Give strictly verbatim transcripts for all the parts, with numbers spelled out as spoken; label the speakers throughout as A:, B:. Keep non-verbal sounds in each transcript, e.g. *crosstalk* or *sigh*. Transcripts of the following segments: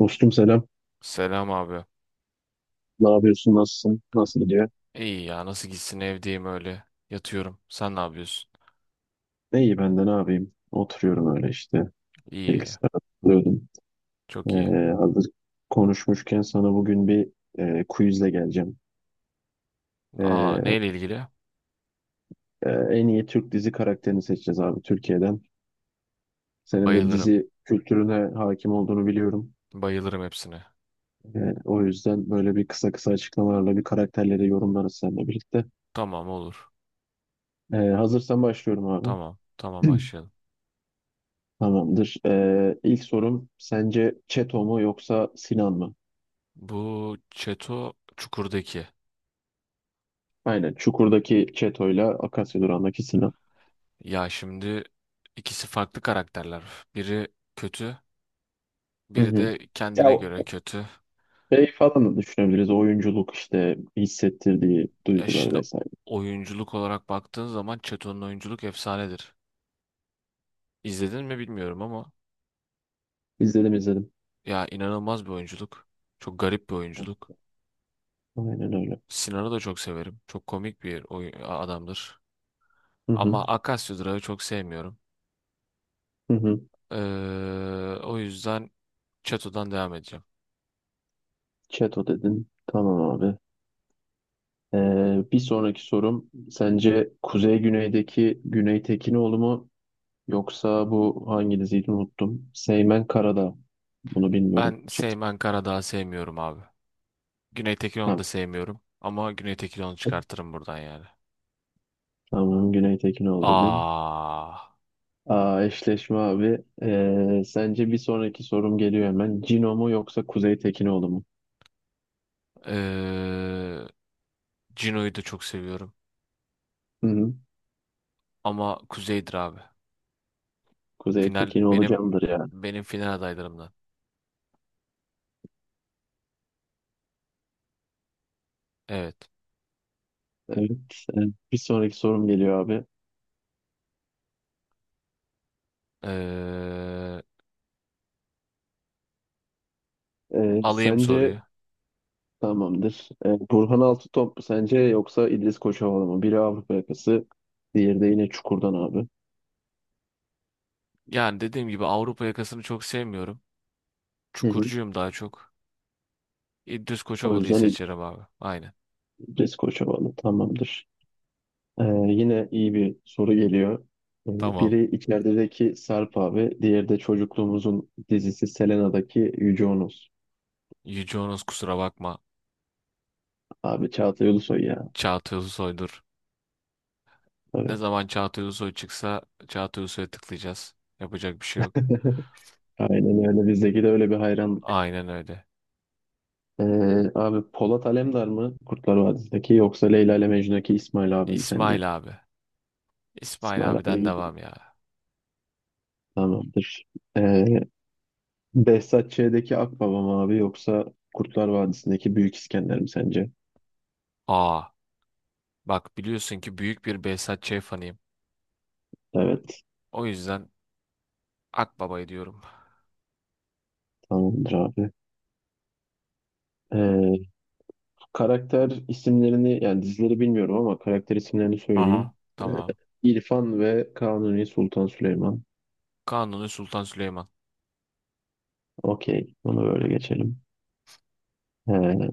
A: Dostum selam.
B: Selam abi.
A: Ne yapıyorsun? Nasılsın? Nasıl gidiyor?
B: İyi ya nasıl gitsin evdeyim öyle. Yatıyorum. Sen ne yapıyorsun?
A: Ne iyi ben de ne yapayım? Oturuyorum öyle işte.
B: İyi.
A: Bilgisayara takılıyordum. Ee,
B: Çok iyi.
A: hazır konuşmuşken sana bugün bir e, quizle geleceğim.
B: Aa,
A: Ee,
B: neyle ilgili?
A: e, En iyi Türk dizi karakterini seçeceğiz abi Türkiye'den. Senin de
B: Bayılırım.
A: dizi kültürüne hakim olduğunu biliyorum.
B: Bayılırım hepsine.
A: Ee, o yüzden böyle bir kısa kısa açıklamalarla bir karakterleri yorumlarız seninle birlikte.
B: Tamam, olur.
A: Ee, hazırsan başlıyorum abi.
B: Tamam. Tamam,
A: *clears throat*
B: başlayalım.
A: Tamamdır. Ee, ilk sorum, sence Çeto mu yoksa Sinan mı?
B: Bu Çeto Çukur'daki.
A: Aynen. Çukur'daki Çeto'yla Akasya Durağı'ndaki Sinan.
B: Ya şimdi ikisi farklı karakterler. Biri kötü.
A: Hı
B: Biri
A: hı.
B: de
A: Ya
B: kendine göre
A: o-
B: kötü.
A: Şey falan da düşünebiliriz. Oyunculuk, işte hissettirdiği
B: Ya
A: duygular
B: şimdi
A: vesaire.
B: oyunculuk olarak baktığın zaman Çeto'nun oyunculuk efsanedir. İzledin mi bilmiyorum ama.
A: İzledim izledim.
B: Ya inanılmaz bir oyunculuk. Çok garip bir oyunculuk.
A: Aynen öyle.
B: Sinan'ı da çok severim. Çok komik bir oy- adamdır.
A: Hı hı.
B: Ama Akasya Durağı çok sevmiyorum.
A: Hı hı.
B: Ee, o yüzden Çato'dan devam edeceğim.
A: Çeto dedin. Tamam abi. Ee, bir sonraki sorum, sence Kuzey Güney'deki Güney Tekinoğlu mu yoksa bu hangi diziydi unuttum. Seymen Karadağ. Bunu bilmiyorum.
B: Ben
A: Şey,
B: Seymen Karadağ'ı sevmiyorum abi. Güney Tekinon'u
A: tamam.
B: da sevmiyorum. Ama Güney Tekinon'u çıkartırım buradan yani.
A: Tamam, Güney Tekinoğlu dedin.
B: Aa,
A: Aa, eşleşme abi. Ee, sence bir sonraki sorum geliyor hemen. Cino mu yoksa Kuzey Tekinoğlu mu?
B: ee, Cino'yu da çok seviyorum.
A: Hı hı.
B: Ama Kuzey'dir abi.
A: Kuzey
B: Final
A: Tekinoğlu
B: benim
A: candır ya.
B: benim final adaylarımdan. Evet.
A: Evet. e, Bir sonraki sorum geliyor abi.
B: Ee,
A: Ee,
B: Alayım soruyu.
A: sence Tamamdır. Ee, Burhan Altıtop mu sence yoksa İdris Koçovalı mı? Biri Avrupa yakası, diğeri de yine Çukur'dan abi.
B: Yani dediğim gibi Avrupa yakasını çok sevmiyorum.
A: Hı hı.
B: Çukurcuyum daha çok. İdris
A: O
B: Koçovalı'yı
A: yüzden
B: seçerim abi. Aynen.
A: İdris Koçovalı tamamdır. Ee, yine iyi bir soru geliyor. Ee,
B: Tamam.
A: biri içerideki Sarp abi, diğeri de çocukluğumuzun dizisi Selena'daki Yüce Onos.
B: Yüce Honos, kusura bakma.
A: Abi Çağatay Ulusoy ya.
B: Çağatay Ulusoy'dur. Ne
A: Tabii.
B: zaman Çağatay Ulusoy çıksa Çağatay Ulusoy'a tıklayacağız. Yapacak bir şey yok.
A: *laughs* Aynen öyle. Bizdeki de öyle bir hayranlık.
B: Aynen öyle.
A: Ee, Abi Polat Alemdar mı Kurtlar Vadisi'ndeki yoksa Leyla ile Mecnun'daki İsmail abi mi sence?
B: İsmail abi. İsmail
A: İsmail abi
B: abiden
A: gibi.
B: devam ya.
A: Tamamdır. Ee, Behzat Ç'deki Akbaba mı abi yoksa Kurtlar Vadisi'ndeki Büyük İskender mi sence?
B: Aa, bak biliyorsun ki büyük bir Behzat Ç. fanıyım.
A: Evet.
B: O yüzden Akbaba'yı diyorum.
A: Tamamdır abi. Ee, Karakter isimlerini, yani dizileri bilmiyorum ama karakter isimlerini
B: Aha.
A: söyleyeyim. Ee,
B: Tamam.
A: İrfan ve Kanuni Sultan Süleyman.
B: Kanuni Sultan Süleyman.
A: Okey. Bunu böyle geçelim. Ee,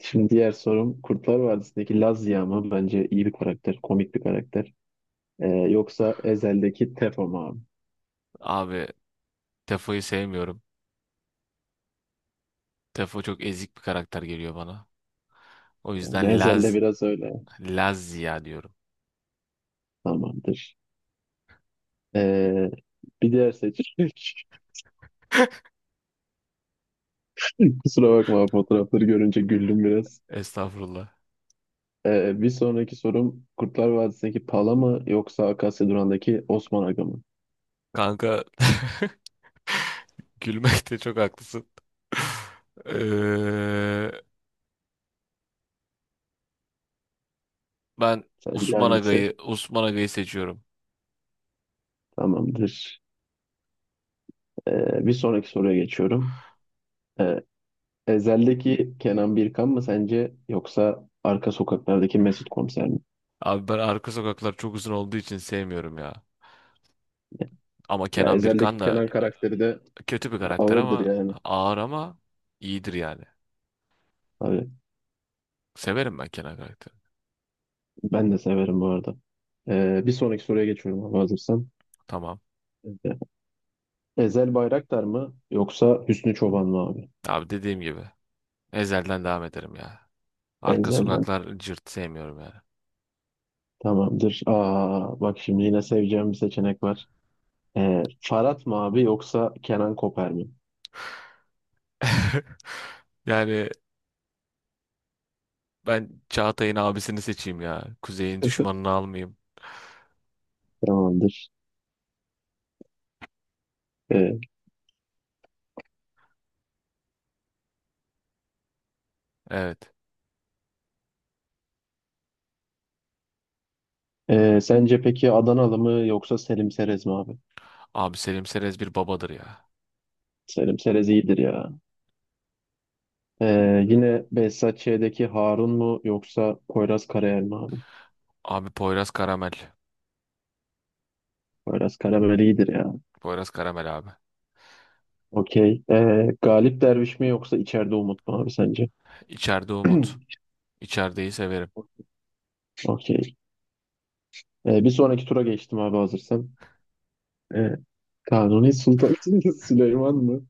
A: Şimdi diğer sorum, Kurtlar Vadisi'ndeki Laz Ziya mı? Bence iyi bir karakter. Komik bir karakter. Ee, yoksa Ezel'deki Tefo mu abi?
B: Abi Tefa'yı sevmiyorum. Tefo çok ezik bir karakter geliyor bana. O
A: Yani
B: yüzden
A: Ezel'de
B: Laz
A: biraz öyle.
B: Laz diyorum.
A: Tamamdır. Ee, Bir diğer seçim. *laughs* Kusura bakma, fotoğrafları görünce güldüm biraz.
B: Estağfurullah.
A: Ee, bir sonraki sorum, Kurtlar Vadisi'ndeki Pala mı yoksa Akasya Duran'daki Osman Aga mı?
B: Kanka, *laughs* gülmekte çok haklısın. Eee, Ben
A: Sence
B: Osman
A: hangisi?
B: Aga'yı Osman Aga'yı seçiyorum.
A: Tamamdır. Ee, bir sonraki soruya geçiyorum. Ee, Ezel'deki Kenan Birkan mı sence yoksa Arka Sokaklar'daki Mesut Komiser mi?
B: Abi ben arka sokaklar çok uzun olduğu için sevmiyorum ya. Ama
A: Ya
B: Kenan Birkan
A: Ezel'deki
B: da
A: Kenan karakteri de
B: kötü bir karakter,
A: ağırdır
B: ama
A: yani.
B: ağır ama iyidir yani.
A: Abi,
B: Severim ben Kenan karakteri.
A: ben de severim bu arada. Ee, bir sonraki soruya geçiyorum abi, hazırsan.
B: Tamam.
A: Ezel Bayraktar mı yoksa Hüsnü Çoban mı abi?
B: Abi dediğim gibi. Ezel'den devam ederim ya. Arka
A: Ezel'den
B: sokaklar cırt sevmiyorum yani.
A: tamamdır. Aa, bak şimdi yine seveceğim bir seçenek var. Ee, Farhat mı abi yoksa Kenan Koper mi?
B: *laughs* Yani ben Çağatay'ın abisini seçeyim ya. Kuzey'in
A: *laughs*
B: düşmanını almayayım.
A: Tamamdır. Ee,
B: Evet.
A: e, Sence peki Adanalı mı yoksa Selim Serez mi abi?
B: Abi Selim Serez bir babadır ya.
A: Selim Serez iyidir ya. Ee, yine Behzat Ç'deki Harun mu yoksa Poyraz Karayel mi abi?
B: Abi Poyraz Karamel.
A: Poyraz Karayel iyidir ya.
B: Poyraz Karamel abi.
A: Okey. Ee, Galip Derviş mi yoksa içeride Umut mu abi sence?
B: İçeride Umut.
A: *clears throat*
B: İçerideyi severim.
A: Okey. Ee, bir sonraki tura geçtim abi, hazırsan. Ee, Kanuni Sultan *laughs* Süleyman mı?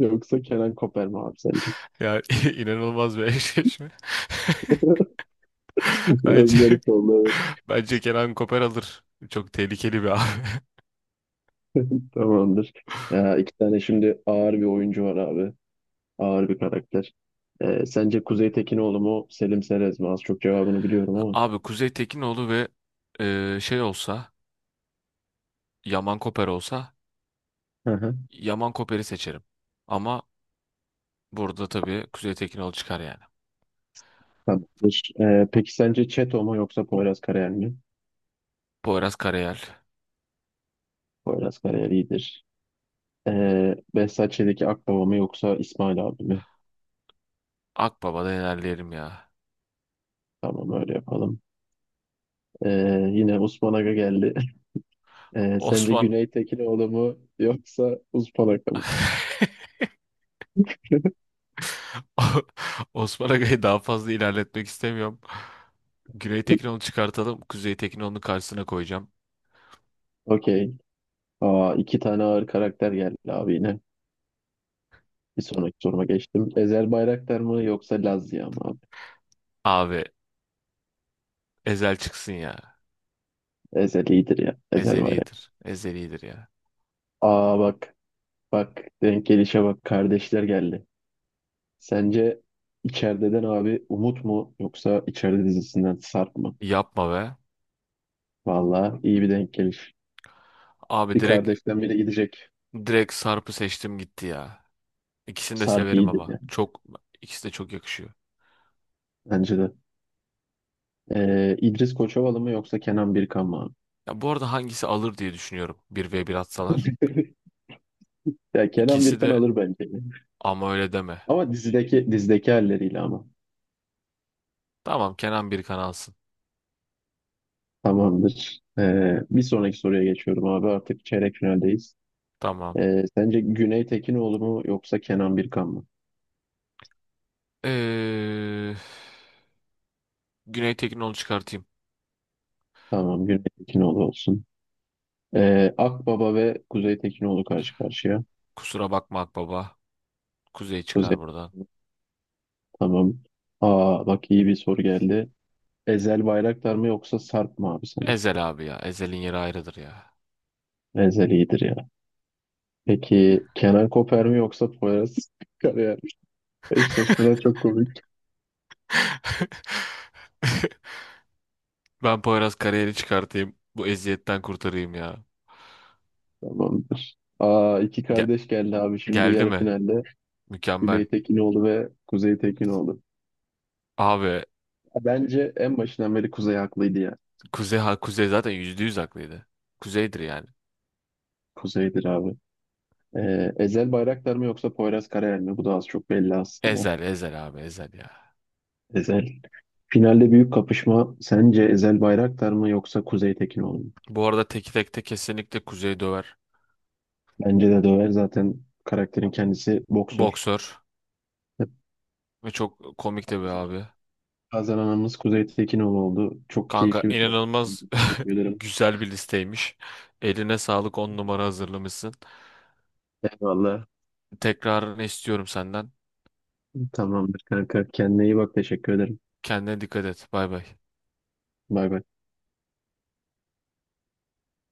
A: Yoksa Kenan Koper mi abi sence?
B: Ya *laughs* inanılmaz bir eşleşme. *laughs*
A: *laughs*
B: Bence
A: Biraz garip oldu, evet.
B: bence Kenan Koper alır. Çok tehlikeli bir abi. *laughs*
A: Tamamdır. Ya, iki tane şimdi ağır bir oyuncu var abi. Ağır bir karakter. Ee, sence Kuzey Tekinoğlu mu, Selim Serez mi? Az çok cevabını biliyorum ama.
B: Abi Kuzey Tekinoğlu ve e, şey olsa, Yaman Koper olsa,
A: Hı hı.
B: Yaman Koper'i seçerim. Ama burada tabii Kuzey Tekinoğlu çıkar yani.
A: Tamamdır. Ee, peki sence Çeto mu yoksa Poyraz Karayel mi?
B: Poyraz Karayel.
A: Poyraz Karayel iyidir. Ee, Behzat Ç'deki Akbaba mı yoksa İsmail abi mi?
B: Akbaba'da ilerleyelim ya.
A: Tamam, öyle yapalım. Ee, Yine Osman Aga geldi. *laughs* Ee, sence
B: Osman
A: Güney Tekinoğlu mu yoksa Osman Aga mı?
B: *laughs* Osman Aga'yı daha fazla ilerletmek istemiyorum. Güney Tekinoğlu çıkartalım. Kuzey Tekinoğlu'nun karşısına koyacağım.
A: Okey. Aa, iki tane ağır karakter geldi abi yine. Bir sonraki soruma geçtim. Ezel Bayraktar mı yoksa Lazya mı abi?
B: Abi Ezel çıksın ya.
A: Ezel iyidir ya. Ezel
B: Ezel
A: Bayraktar.
B: iyidir. Ezel iyidir ya.
A: Aa bak. Bak. Denk gelişe bak. Kardeşler geldi. Sence içerideden abi Umut mu yoksa içeride dizisinden Sarp mı?
B: Yapma be.
A: Vallahi iyi bir denk geliş.
B: Abi
A: Bir
B: direkt
A: kardeşten biri gidecek.
B: direkt Sarp'ı seçtim gitti ya. İkisini de
A: Sarp
B: severim
A: iyidir
B: ama.
A: ya.
B: Çok, ikisi de çok yakışıyor.
A: Bence de. Ee, İdris Koçovalı mı yoksa Kenan Birkan mı abi?
B: Ya bu arada hangisi alır diye düşünüyorum, bir ve bir atsalar.
A: *laughs* Ya Kenan
B: İkisi
A: Birkan
B: de,
A: alır bence.
B: ama öyle deme.
A: Ama dizideki dizideki halleriyle ama.
B: Tamam, Kenan Birkan alsın.
A: Tamamdır. Ee, bir sonraki soruya geçiyorum abi. Artık çeyrek finaldeyiz.
B: Tamam.
A: Ee, sence Güney Tekinoğlu mu yoksa Kenan Birkan mı?
B: Ee, Güney Tekin'i, onu çıkartayım.
A: Tamam, Güney Tekinoğlu olsun. Ee, Akbaba ve Kuzey Tekinoğlu karşı karşıya.
B: Kusura bakma Akbaba. Kuzey çıkar
A: Kuzey.
B: buradan.
A: Tamam. Aa bak, iyi bir soru geldi. Ezel Bayraktar mı yoksa Sarp mı abi sence?
B: Ezel abi ya. Ezel'in yeri ayrıdır ya.
A: Ezel iyidir ya. Peki Kenan Koper mi yoksa Poyraz *laughs* Karayer mi? Eşleşmeler çok komik.
B: *laughs* Ben Poyraz kariyeri çıkartayım. Bu eziyetten kurtarayım ya.
A: Tamamdır. Aa, iki
B: Ge-
A: kardeş geldi abi, şimdi
B: Geldi
A: yarı
B: mi?
A: finalde.
B: Mükemmel.
A: Güney Tekinoğlu ve Kuzey Tekinoğlu.
B: Abi
A: Bence en başından beri Kuzey haklıydı ya.
B: Kuzey, ha, Kuzey zaten yüzde yüz haklıydı. Kuzey'dir yani.
A: Kuzey'dir abi. Ee, Ezel Bayraktar mı yoksa Poyraz Karayel mi? Bu da az çok belli aslında.
B: Ezel Ezel abi, Ezel ya.
A: Ezel. Finalde büyük kapışma. Sence Ezel Bayraktar mı yoksa Kuzey Tekinoğlu mu?
B: Bu arada teki tekte kesinlikle Kuzey döver.
A: Bence de döver. Zaten karakterin kendisi boksör.
B: Boksör.
A: Evet,
B: Ve çok komik de bir
A: o zaman
B: abi.
A: kazananımız Kuzey Tekinoğlu oldu. Çok
B: Kanka
A: keyifli bir sohbet oldu.
B: inanılmaz
A: Teşekkür
B: *laughs*
A: ederim.
B: güzel bir listeymiş. Eline sağlık, on numara hazırlamışsın.
A: Eyvallah.
B: Tekrarını istiyorum senden.
A: Tamamdır kanka. Kendine iyi bak. Teşekkür ederim.
B: Kendine dikkat et. Bay bay.
A: Bay bay.